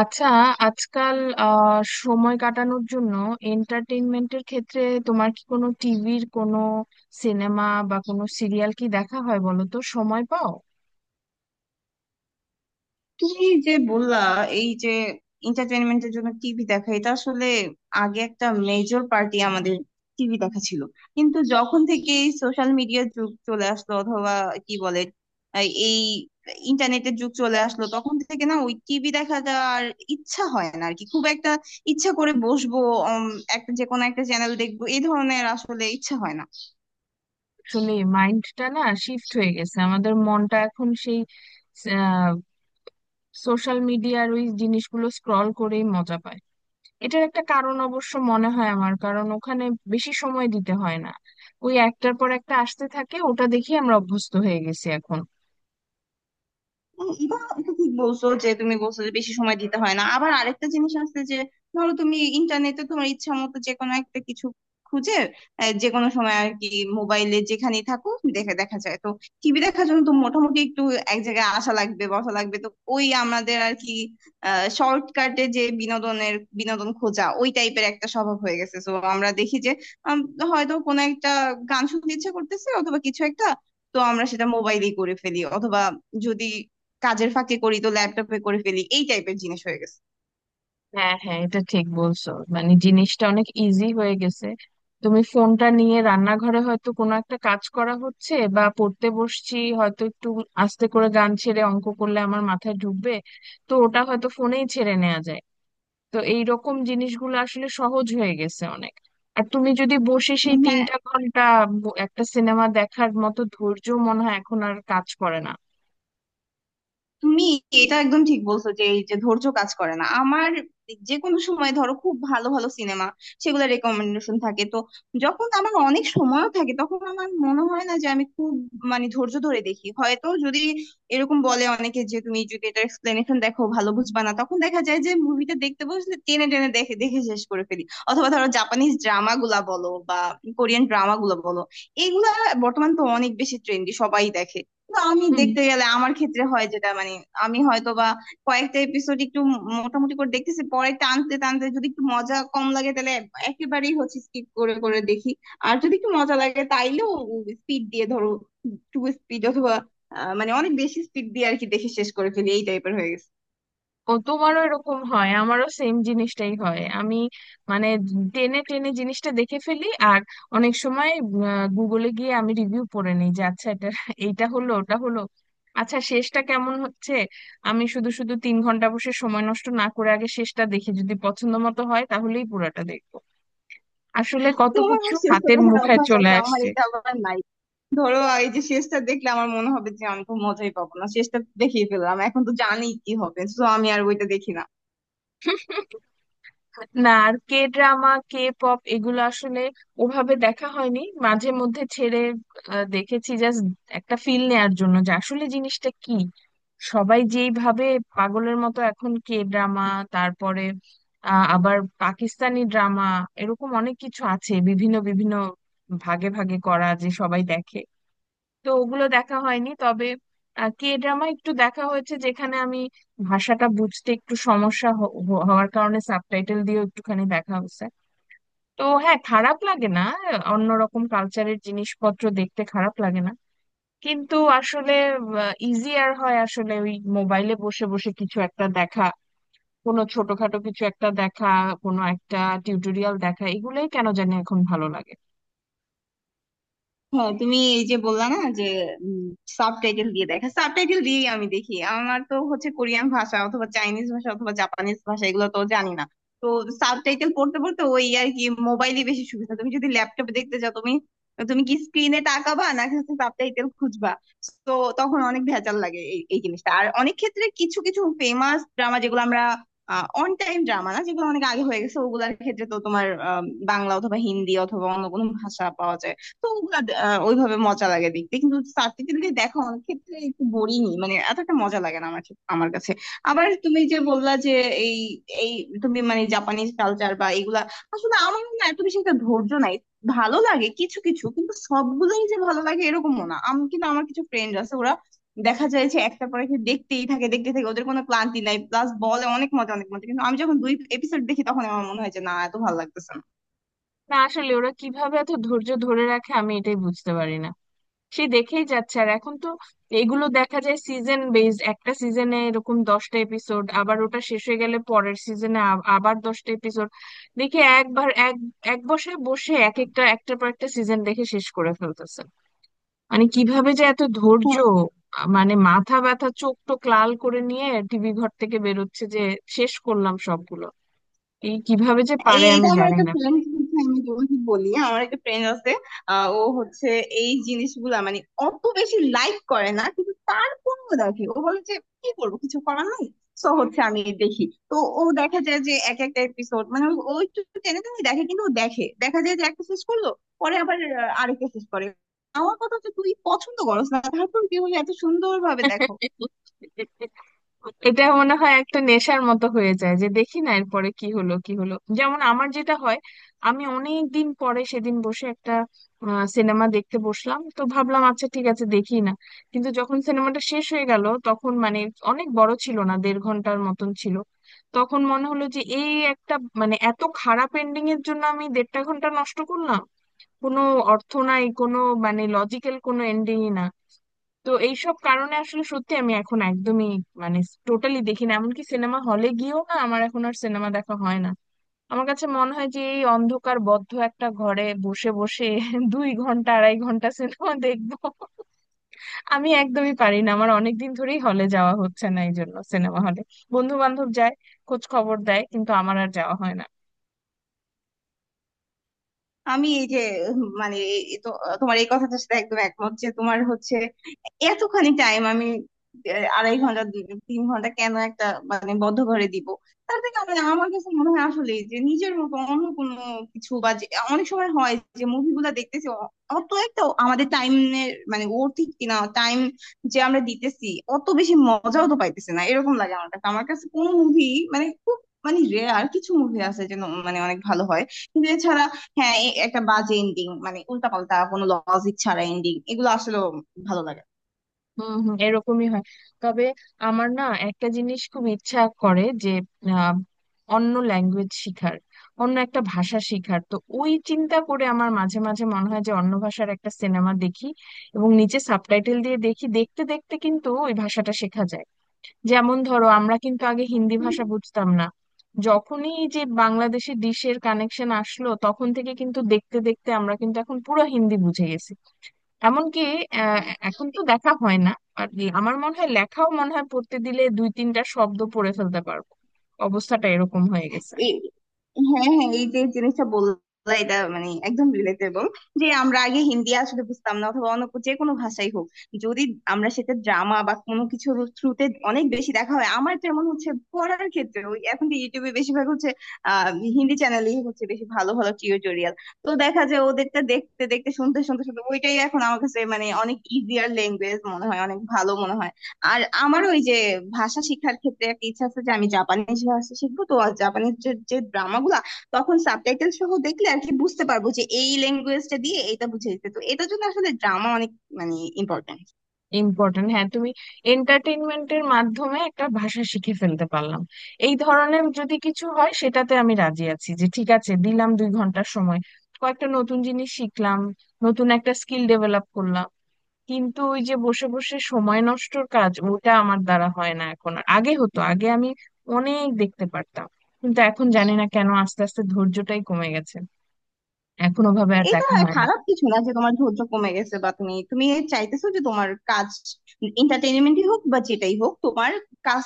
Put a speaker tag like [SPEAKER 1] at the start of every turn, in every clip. [SPEAKER 1] আচ্ছা, আজকাল আহ সময় কাটানোর জন্য এন্টারটেইনমেন্টের ক্ষেত্রে তোমার কি কোনো টিভির কোনো সিনেমা বা কোনো সিরিয়াল কি দেখা হয় বলো তো, সময় পাও?
[SPEAKER 2] কি যে বললা! এই যে এন্টারটেনমেন্টের জন্য টিভি দেখা, এটা আসলে আগে একটা মেজর পার্টি আমাদের টিভি দেখা ছিল। কিন্তু যখন থেকে সোশ্যাল মিডিয়ার যুগ চলে আসলো, অথবা কি বলে, এই ইন্টারনেটের যুগ চলে আসলো, তখন থেকে না ওই টিভি দেখাটা আর ইচ্ছা হয় না আর কি। খুব একটা ইচ্ছা করে বসবো উম, একটা, যে কোনো একটা চ্যানেল দেখবো, এই ধরনের আসলে ইচ্ছা হয় না।
[SPEAKER 1] আসলে মাইন্ডটা না শিফট হয়ে গেছে, আমাদের মনটা এখন সেই সোশ্যাল মিডিয়ার ওই জিনিসগুলো স্ক্রল করেই মজা পায়। এটার একটা কারণ অবশ্য মনে হয় আমার, কারণ ওখানে বেশি সময় দিতে হয় না। ওই একটার পর একটা আসতে থাকে ওটা দেখি, আমরা অভ্যস্ত হয়ে গেছি এখন।
[SPEAKER 2] হ্যাঁ, এটা এটা ঠিক বলছো, যে তুমি বলছো যে বেশি সময় দিতে হয় না। আবার আরেকটা জিনিস আছে যে ধরো তুমি ইন্টারনেটে তোমার ইচ্ছা মতো যে কোনো একটা কিছু খুঁজে যে কোনো সময় আর কি, মোবাইলে যেখানেই থাকো দেখে দেখা যায় তো। টিভি দেখার জন্য তো মোটামুটি একটু এক জায়গায় আসা লাগবে, বসা লাগবে তো। ওই আমাদের আর কি, শর্টকাটে যে বিনোদনের বিনোদন খোঁজা ওই টাইপের একটা স্বভাব হয়ে গেছে, তো আমরা দেখি যে আম, হয়তো কোনো একটা গান শুনতে ইচ্ছা করতেছে অথবা কিছু একটা। তো আমরা সেটা মোবাইলেই করে ফেলি, অথবা যদি কাজের ফাঁকে করি তো ল্যাপটপে করে ফেলি, এই টাইপের জিনিস হয়ে গেছে।
[SPEAKER 1] হ্যাঁ হ্যাঁ, এটা ঠিক বলছো, মানে জিনিসটা অনেক ইজি হয়ে গেছে। তুমি ফোনটা নিয়ে রান্নাঘরে হয়তো কোনো একটা কাজ করা হচ্ছে বা পড়তে বসছি হয়তো, একটু আস্তে করে গান ছেড়ে অঙ্ক করলে আমার মাথায় ঢুকবে, তো ওটা হয়তো ফোনেই ছেড়ে নেওয়া যায়। তো এই রকম জিনিসগুলো আসলে সহজ হয়ে গেছে অনেক। আর তুমি যদি বসে সেই
[SPEAKER 2] হ্যাঁ,
[SPEAKER 1] তিনটা ঘন্টা একটা সিনেমা দেখার মতো ধৈর্য, মনে হয় এখন আর কাজ করে না।
[SPEAKER 2] তুমি এটা একদম ঠিক বলছো, যে এই যে ধৈর্য কাজ করে না আমার। যে কোনো সময় ধরো খুব ভালো ভালো সিনেমা, সেগুলো রেকমেন্ডেশন থাকে তো, যখন আমার অনেক সময় থাকে তখন আমার মনে হয় না যে আমি খুব, মানে ধৈর্য ধরে দেখি হয়তো। যদি এরকম বলে অনেকে যে তুমি যদি এটা এক্সপ্লেনেশন দেখো ভালো বুঝবা না, তখন দেখা যায় যে মুভিটা দেখতে বসলে টেনে টেনে দেখে দেখে শেষ করে ফেলি। অথবা ধরো জাপানিজ ড্রামা গুলা বলো বা কোরিয়ান ড্রামা গুলা বলো, এইগুলা বর্তমান তো অনেক বেশি ট্রেন্ডি, সবাই দেখে। না, আমি দেখতে গেলে আমার ক্ষেত্রে হয় যেটা, মানে আমি হয়তো বা কয়েকটা এপিসোড একটু মোটামুটি করে দেখতেছি, পরে টানতে টানতে যদি একটু মজা কম লাগে তাহলে একেবারেই হচ্ছে স্কিপ করে করে দেখি। আর যদি একটু মজা লাগে তাইলেও স্পিড দিয়ে, ধরো টু স্পিড, অথবা মানে অনেক বেশি স্পিড দিয়ে আর কি দেখে শেষ করে ফেলি, এই টাইপের হয়ে গেছে।
[SPEAKER 1] ও, তোমারও এরকম হয়? আমারও সেম জিনিসটাই হয়, আমি মানে টেনে টেনে জিনিসটা দেখে ফেলি। আর অনেক সময় গুগলে গিয়ে আমি রিভিউ পড়ে নিই, যে আচ্ছা এটা এইটা হলো, ওটা হলো, আচ্ছা শেষটা কেমন হচ্ছে। আমি শুধু শুধু তিন ঘন্টা বসে সময় নষ্ট না করে আগে শেষটা দেখি, যদি পছন্দ মতো হয় তাহলেই পুরোটা দেখবো। আসলে কত
[SPEAKER 2] তোমার
[SPEAKER 1] কিছু
[SPEAKER 2] আমার শেষটা
[SPEAKER 1] হাতের
[SPEAKER 2] দেখার
[SPEAKER 1] মুঠায়
[SPEAKER 2] অভ্যাস
[SPEAKER 1] চলে
[SPEAKER 2] আছে, আমার
[SPEAKER 1] আসছে।
[SPEAKER 2] এটা আবার নাই। ধরো, এই যে শেষটা দেখলে আমার মনে হবে যে আমি তো মজাই পাবো না, শেষটা দেখিয়ে ফেললাম, এখন তো জানি কি হবে, তো আমি আর ওইটা দেখি না।
[SPEAKER 1] না, আর কে ড্রামা, কে পপ, এগুলো আসলে ওভাবে দেখা হয়নি। মাঝে মধ্যে ছেড়ে দেখেছি জাস্ট একটা ফিল নেয়ার জন্য যে আসলে জিনিসটা কি, সবাই যেইভাবে পাগলের মতো এখন কে ড্রামা, তারপরে আবার পাকিস্তানি ড্রামা, এরকম অনেক কিছু আছে বিভিন্ন বিভিন্ন ভাগে ভাগে করা যে সবাই দেখে। তো ওগুলো দেখা হয়নি, তবে কে ড্রামা একটু দেখা হয়েছে, যেখানে আমি ভাষাটা বুঝতে একটু সমস্যা হওয়ার কারণে সাবটাইটেল দিয়ে একটুখানি দেখা হয়েছে। তো হ্যাঁ, খারাপ লাগে না, অন্যরকম কালচারের জিনিসপত্র দেখতে খারাপ লাগে না। কিন্তু আসলে ইজিয়ার হয় আসলে ওই মোবাইলে বসে বসে কিছু একটা দেখা, কোনো ছোটখাটো কিছু একটা দেখা, কোনো একটা টিউটোরিয়াল দেখা, এগুলোই কেন জানি এখন ভালো লাগে।
[SPEAKER 2] হ্যাঁ, তুমি এই যে বললা না যে সাবটাইটেল দিয়ে দেখা, সাবটাইটেল দিয়েই আমি দেখি। আমার তো হচ্ছে কোরিয়ান ভাষা অথবা চাইনিজ ভাষা অথবা জাপানিজ ভাষা, এগুলো তো জানি না। তো সাবটাইটেল পড়তে পড়তে ওই আর কি, মোবাইলে বেশি সুবিধা। তুমি যদি ল্যাপটপে দেখতে যাও, তুমি তুমি কি স্ক্রিনে তাকাবা, নাকি হচ্ছে সাবটাইটেল খুঁজবা? তো তখন অনেক ভেজাল লাগে এই এই জিনিসটা। আর অনেক ক্ষেত্রে কিছু কিছু ফেমাস ড্রামা যেগুলো আমরা, অন টাইম ড্রামা না, যেগুলো অনেক আগে হয়ে গেছে, ওগুলোর ক্ষেত্রে তো তোমার বাংলা অথবা হিন্দি অথবা অন্য কোনো ভাষা পাওয়া যায়। তো ওগুলা ওইভাবে মজা লাগে দেখতে, কিন্তু সার্টিফিকেট দিয়ে দেখা অনেক ক্ষেত্রে একটু বোরিংই, মানে এত একটা মজা লাগে না আমার আমার কাছে। আবার তুমি যে বললা যে এই, এই তুমি মানে জাপানিজ কালচার বা এগুলা, আসলে আমার না এত বেশি একটা ধৈর্য নাই। ভালো লাগে কিছু কিছু, কিন্তু সবগুলোই যে ভালো লাগে এরকমও না। আমি কিন্তু, আমার কিছু ফ্রেন্ড আছে, ওরা দেখা যায় যে একটা পরে একটা দেখতেই থাকে দেখতেই থাকে, ওদের কোনো ক্লান্তি নাই, প্লাস বলে অনেক মজা অনেক মজা। কিন্তু আমি যখন দুই এপিসোড দেখি তখন আমার মনে হয় যে না, এত ভালো লাগতেছে
[SPEAKER 1] না আসলে ওরা কিভাবে এত ধৈর্য ধরে রাখে, আমি এটাই বুঝতে পারি না। সে দেখেই যাচ্ছে, আর এখন তো এগুলো দেখা যায় সিজন বেসড, একটা সিজনে এরকম দশটা এপিসোড, আবার ওটা শেষ হয়ে গেলে পরের সিজনে আবার দশটা এপিসোড, দেখে একবার এক এক বসে বসে এক একটা একটার পর একটা সিজন দেখে শেষ করে ফেলতেছে। মানে কিভাবে যে এত ধৈর্য,
[SPEAKER 2] না।
[SPEAKER 1] মানে মাথা ব্যথা চোখ টোক লাল করে নিয়ে টিভি ঘর থেকে বেরোচ্ছে যে শেষ করলাম সবগুলো। এই কিভাবে যে পারে আমি
[SPEAKER 2] এটা আমার
[SPEAKER 1] জানি
[SPEAKER 2] একটা
[SPEAKER 1] না।
[SPEAKER 2] ফ্রেন্ড, আমি তোমাকে বলি, আমার একটা ফ্রেন্ড আছে। ও হচ্ছে এই জিনিসগুলা মানে অত বেশি লাইক করে না, কিন্তু তারপরেও দেখে। ও বলে যে কি করবো, কিছু করার নাই, তো হচ্ছে আমি দেখি। তো ও দেখা যায় যে এক একটা এপিসোড, মানে ও ও একটু টেনে টেনে দেখে, কিন্তু ও দেখে দেখা যায় যে একটা শেষ করলো, পরে আবার আরেকটা শেষ করে। আমার কথা হচ্ছে তুই পছন্দ করস না, তারপর কি বলে এত সুন্দর ভাবে দেখো?
[SPEAKER 1] এটা মনে হয় একটা নেশার মতো হয়ে যায় যে দেখি না এরপরে কি হলো কি হলো, যেমন আমার যেটা হয়, আমি অনেক দিন পরে সেদিন বসে একটা সিনেমা দেখতে বসলাম, তো ভাবলাম আচ্ছা ঠিক আছে দেখি না। কিন্তু যখন সিনেমাটা শেষ হয়ে গেল তখন মানে, অনেক বড় ছিল না, দেড় ঘন্টার মতন ছিল, তখন মনে হলো যে এই একটা মানে এত খারাপ এন্ডিং এর জন্য আমি দেড়টা ঘন্টা নষ্ট করলাম, কোনো অর্থ নাই, কোনো মানে লজিক্যাল কোনো এন্ডিংই না। তো এইসব কারণে আসলে সত্যি আমি এখন একদমই মানে টোটালি দেখি না, এমনকি সিনেমা হলে গিয়েও না, আমার এখন আর সিনেমা দেখা হয় না। আমার কাছে মনে হয় যে এই অন্ধকার বদ্ধ একটা ঘরে বসে বসে দুই ঘন্টা আড়াই ঘন্টা সিনেমা দেখবো, আমি একদমই পারি না। আমার অনেকদিন ধরেই হলে যাওয়া হচ্ছে না, এই জন্য সিনেমা হলে বন্ধু বান্ধব যায়, খোঁজ খবর দেয়, কিন্তু আমার আর যাওয়া হয় না।
[SPEAKER 2] আমি এই যে মানে এই তোমার এই কথাটার সাথে একদম একমত, যে তোমার হচ্ছে এতখানি টাইম আমি 2.5 ঘন্টা 3 ঘন্টা কেন একটা মানে বদ্ধ ঘরে দিব। তার থেকে আমার কাছে মনে হয় আসলে যে নিজের মতো অন্য কোনো কিছু, বা অনেক সময় হয় যে মুভিগুলা দেখতেছি অত একটা আমাদের টাইমের, মানে ঠিক কিনা টাইম যে আমরা দিতেছি অত বেশি মজাও তো পাইতেছে না, এরকম লাগে আমার কাছে। আমার কাছে কোনো মুভি, মানে খুব, মানে রেয়ার কিছু মুভি আছে যেন মানে অনেক ভালো হয়, কিন্তু এছাড়া হ্যাঁ, একটা বাজে এন্ডিং, মানে উল্টাপাল্টা কোনো লজিক ছাড়া এন্ডিং, এগুলো আসলে ভালো লাগে না।
[SPEAKER 1] হম হম, এরকমই হয়। তবে আমার না একটা জিনিস খুব ইচ্ছা করে যে আহ, অন্য ল্যাঙ্গুয়েজ শিখার, অন্য একটা ভাষা শিখার। তো ওই চিন্তা করে আমার মাঝে মাঝে মনে হয় যে অন্য ভাষার একটা সিনেমা দেখি এবং নিচে সাবটাইটেল দিয়ে দেখি, দেখতে দেখতে কিন্তু ওই ভাষাটা শেখা যায়। যেমন ধরো আমরা কিন্তু আগে হিন্দি ভাষা বুঝতাম না, যখনই এই যে বাংলাদেশি ডিশের কানেকশন আসলো তখন থেকে কিন্তু দেখতে দেখতে আমরা কিন্তু এখন পুরো হিন্দি বুঝে গেছি। এমনকি আহ, এখন তো দেখা হয় না আর কি, আমার মনে হয় লেখাও মনে হয় পড়তে দিলে দুই তিনটা শব্দ পড়ে ফেলতে পারবো, অবস্থাটা এরকম হয়ে গেছে।
[SPEAKER 2] এই, হ্যাঁ হ্যাঁ, এই যে জিনিসটা বললা, এটা মানে একদম রিলেটেবল। যে আমরা আগে হিন্দি আসলে বুঝতাম না, অথবা অন্য যে কোনো ভাষাই হোক, যদি আমরা সেটা ড্রামা বা কোনো কিছুর থ্রুতে অনেক বেশি দেখা হয়। আমার যেমন হচ্ছে পড়ার ক্ষেত্রে, ওই এখন তো ইউটিউবে বেশিরভাগ হচ্ছে আহ হিন্দি চ্যানেলই, হচ্ছে বেশি ভালো ভালো টিউটোরিয়াল। তো দেখা যায় ওদেরটা দেখতে দেখতে শুনতে শুনতে শুনতে ওইটাই এখন আমার কাছে মানে অনেক ইজিয়ার ল্যাঙ্গুয়েজ মনে হয়, অনেক ভালো মনে হয়। আর আমার ওই যে ভাষা শিক্ষার ক্ষেত্রে একটা ইচ্ছা আছে, যে আমি জাপানিজ ভাষা শিখবো। তো আর জাপানিজ যে ড্রামা গুলা, তখন সাবটাইটেল সহ দেখলে আর কি বুঝতে পারবো যে এই ল্যাঙ্গুয়েজটা দিয়ে এটা বুঝাইছে, তো এটার জন্য আসলে ড্রামা অনেক, মানে ইম্পর্টেন্ট।
[SPEAKER 1] ইম্পর্টেন্ট, হ্যাঁ। তুমি এন্টারটেইনমেন্টের মাধ্যমে একটা ভাষা শিখে ফেলতে পারলাম, এই ধরনের যদি কিছু হয় সেটাতে আমি রাজি আছি যে ঠিক আছে দিলাম দুই ঘন্টার সময়, কয়েকটা নতুন জিনিস শিখলাম, নতুন একটা স্কিল ডেভেলপ করলাম। কিন্তু ওই যে বসে বসে সময় নষ্টর কাজ ওটা আমার দ্বারা হয় না এখন আর। আগে হতো, আগে আমি অনেক দেখতে পারতাম, কিন্তু এখন জানি না কেন আস্তে আস্তে ধৈর্যটাই কমে গেছে, এখন ওভাবে আর
[SPEAKER 2] এটা
[SPEAKER 1] দেখা হয় না।
[SPEAKER 2] খারাপ কিছু না যে তোমার ধৈর্য কমে গেছে, বা তুমি তুমি চাইতেছো যে তোমার কাজ, এন্টারটেইনমেন্টই হোক বা যেটাই হোক, তোমার কাজ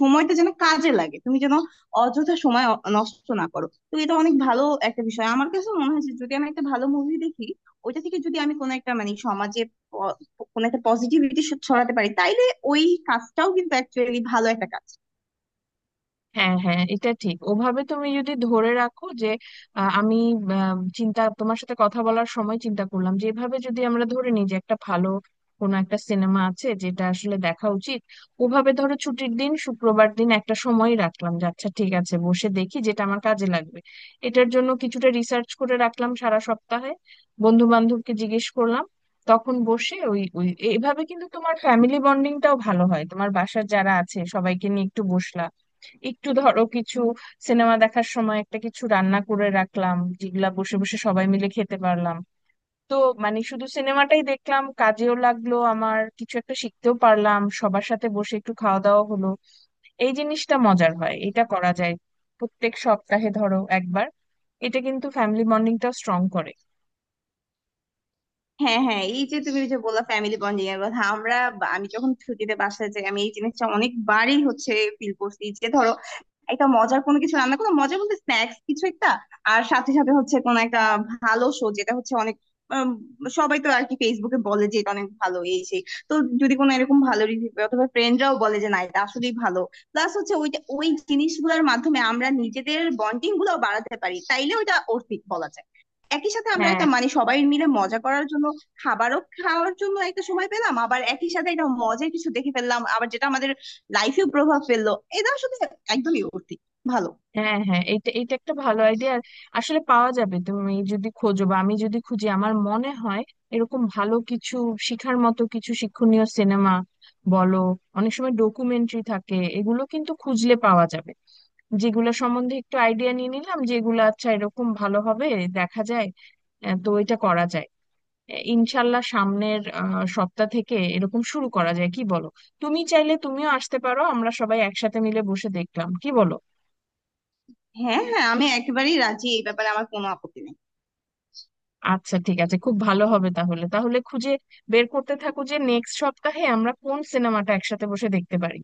[SPEAKER 2] সময়টা যেন কাজে লাগে, তুমি যেন অযথা সময় নষ্ট না করো। তো এটা অনেক ভালো একটা বিষয় আমার কাছে মনে হয়, যে যদি আমি একটা ভালো মুভি দেখি, ওইটা থেকে যদি আমি কোনো একটা মানে সমাজে প- কোনো একটা পজিটিভিটি ছড়াতে পারি, তাইলে ওই কাজটাও কিন্তু অ্যাকচুয়ালি ভালো একটা কাজ।
[SPEAKER 1] হ্যাঁ হ্যাঁ, এটা ঠিক ওভাবে তুমি যদি ধরে রাখো যে আমি চিন্তা, তোমার সাথে কথা বলার সময় চিন্তা করলাম যে এভাবে যদি আমরা ধরে নিই যে একটা ভালো কোনো একটা সিনেমা আছে যেটা আসলে দেখা উচিত, ওভাবে ধরো ছুটির দিন, শুক্রবার দিন একটা সময় রাখলাম যে আচ্ছা ঠিক আছে বসে দেখি যেটা আমার কাজে লাগবে, এটার জন্য কিছুটা রিসার্চ করে রাখলাম সারা সপ্তাহে, বন্ধু বান্ধবকে জিজ্ঞেস করলাম, তখন বসে ওই ওই এভাবে, কিন্তু তোমার ফ্যামিলি বন্ডিংটাও ভালো হয়, তোমার বাসার যারা আছে সবাইকে নিয়ে একটু বসলা, একটু ধরো কিছু সিনেমা দেখার সময় একটা কিছু রান্না করে রাখলাম যেগুলা বসে বসে সবাই মিলে খেতে পারলাম, তো মানে শুধু সিনেমাটাই দেখলাম, কাজেও লাগলো আমার, কিছু একটা শিখতেও পারলাম, সবার সাথে বসে একটু খাওয়া দাওয়া হলো, এই জিনিসটা মজার হয়, এটা করা যায় প্রত্যেক সপ্তাহে ধরো একবার, এটা কিন্তু ফ্যামিলি বন্ডিংটাও স্ট্রং করে।
[SPEAKER 2] হ্যাঁ হ্যাঁ, এই যে তুমি ওই যে বললা ফ্যামিলি বন্ডিং এর কথা, আমরা আমি যখন ছুটিতে বাসায় যাই, আমি এই জিনিসটা অনেকবারই হচ্ছে ফিল করছি, যে ধরো একটা মজার কোনো কিছু রান্না করলাম, মজা বলতে স্ন্যাক্স কিছু একটা। আর সাথে সাথে হচ্ছে কোন একটা ভালো শো, যেটা হচ্ছে অনেক, উম, সবাই তো আর কি ফেসবুকে বলে যে এটা অনেক ভালো, এই সেই। তো যদি কোনো এরকম ভালো রিভিউ, অথবা ফ্রেন্ডরাও বলে যে না এটা আসলেই ভালো, প্লাস হচ্ছে ওইটা, ওই জিনিসগুলোর মাধ্যমে আমরা নিজেদের বন্ডিং গুলো বাড়াতে পারি, তাইলে ওইটা অর্থিক বলা যায়। একই সাথে আমরা
[SPEAKER 1] হ্যাঁ
[SPEAKER 2] একটা, মানে সবাই মিলে মজা করার জন্য, খাবারও খাওয়ার জন্য একটা সময় পেলাম, আবার একই সাথে একটা মজার কিছু দেখে ফেললাম আবার, যেটা আমাদের লাইফেও প্রভাব ফেললো, এটা আসলে একদমই অতি ভালো।
[SPEAKER 1] হ্যাঁ হ্যাঁ, এটা এটা একটা ভালো আইডিয়া, আসলে পাওয়া যাবে তুমি যদি খোঁজো বা আমি যদি খুঁজি, আমার মনে হয় এরকম ভালো কিছু শিখার মতো কিছু শিক্ষণীয় সিনেমা বলো, অনেক সময় ডকুমেন্টারি থাকে, এগুলো কিন্তু খুঁজলে পাওয়া যাবে, যেগুলো সম্বন্ধে একটু আইডিয়া নিয়ে নিলাম যেগুলো আচ্ছা এরকম ভালো হবে দেখা যায়। তো এটা করা যায়, ইনশাল্লাহ সামনের সপ্তাহ থেকে এরকম শুরু করা যায় কি বলো, তুমি চাইলে তুমিও আসতে পারো, আমরা সবাই একসাথে মিলে বসে দেখলাম, কি বলো?
[SPEAKER 2] হ্যাঁ হ্যাঁ, আমি একেবারেই রাজি, এই ব্যাপারে আমার কোনো আপত্তি নেই।
[SPEAKER 1] আচ্ছা ঠিক আছে, খুব ভালো হবে তাহলে তাহলে খুঁজে বের করতে থাকো যে নেক্সট সপ্তাহে আমরা কোন সিনেমাটা একসাথে বসে দেখতে পারি।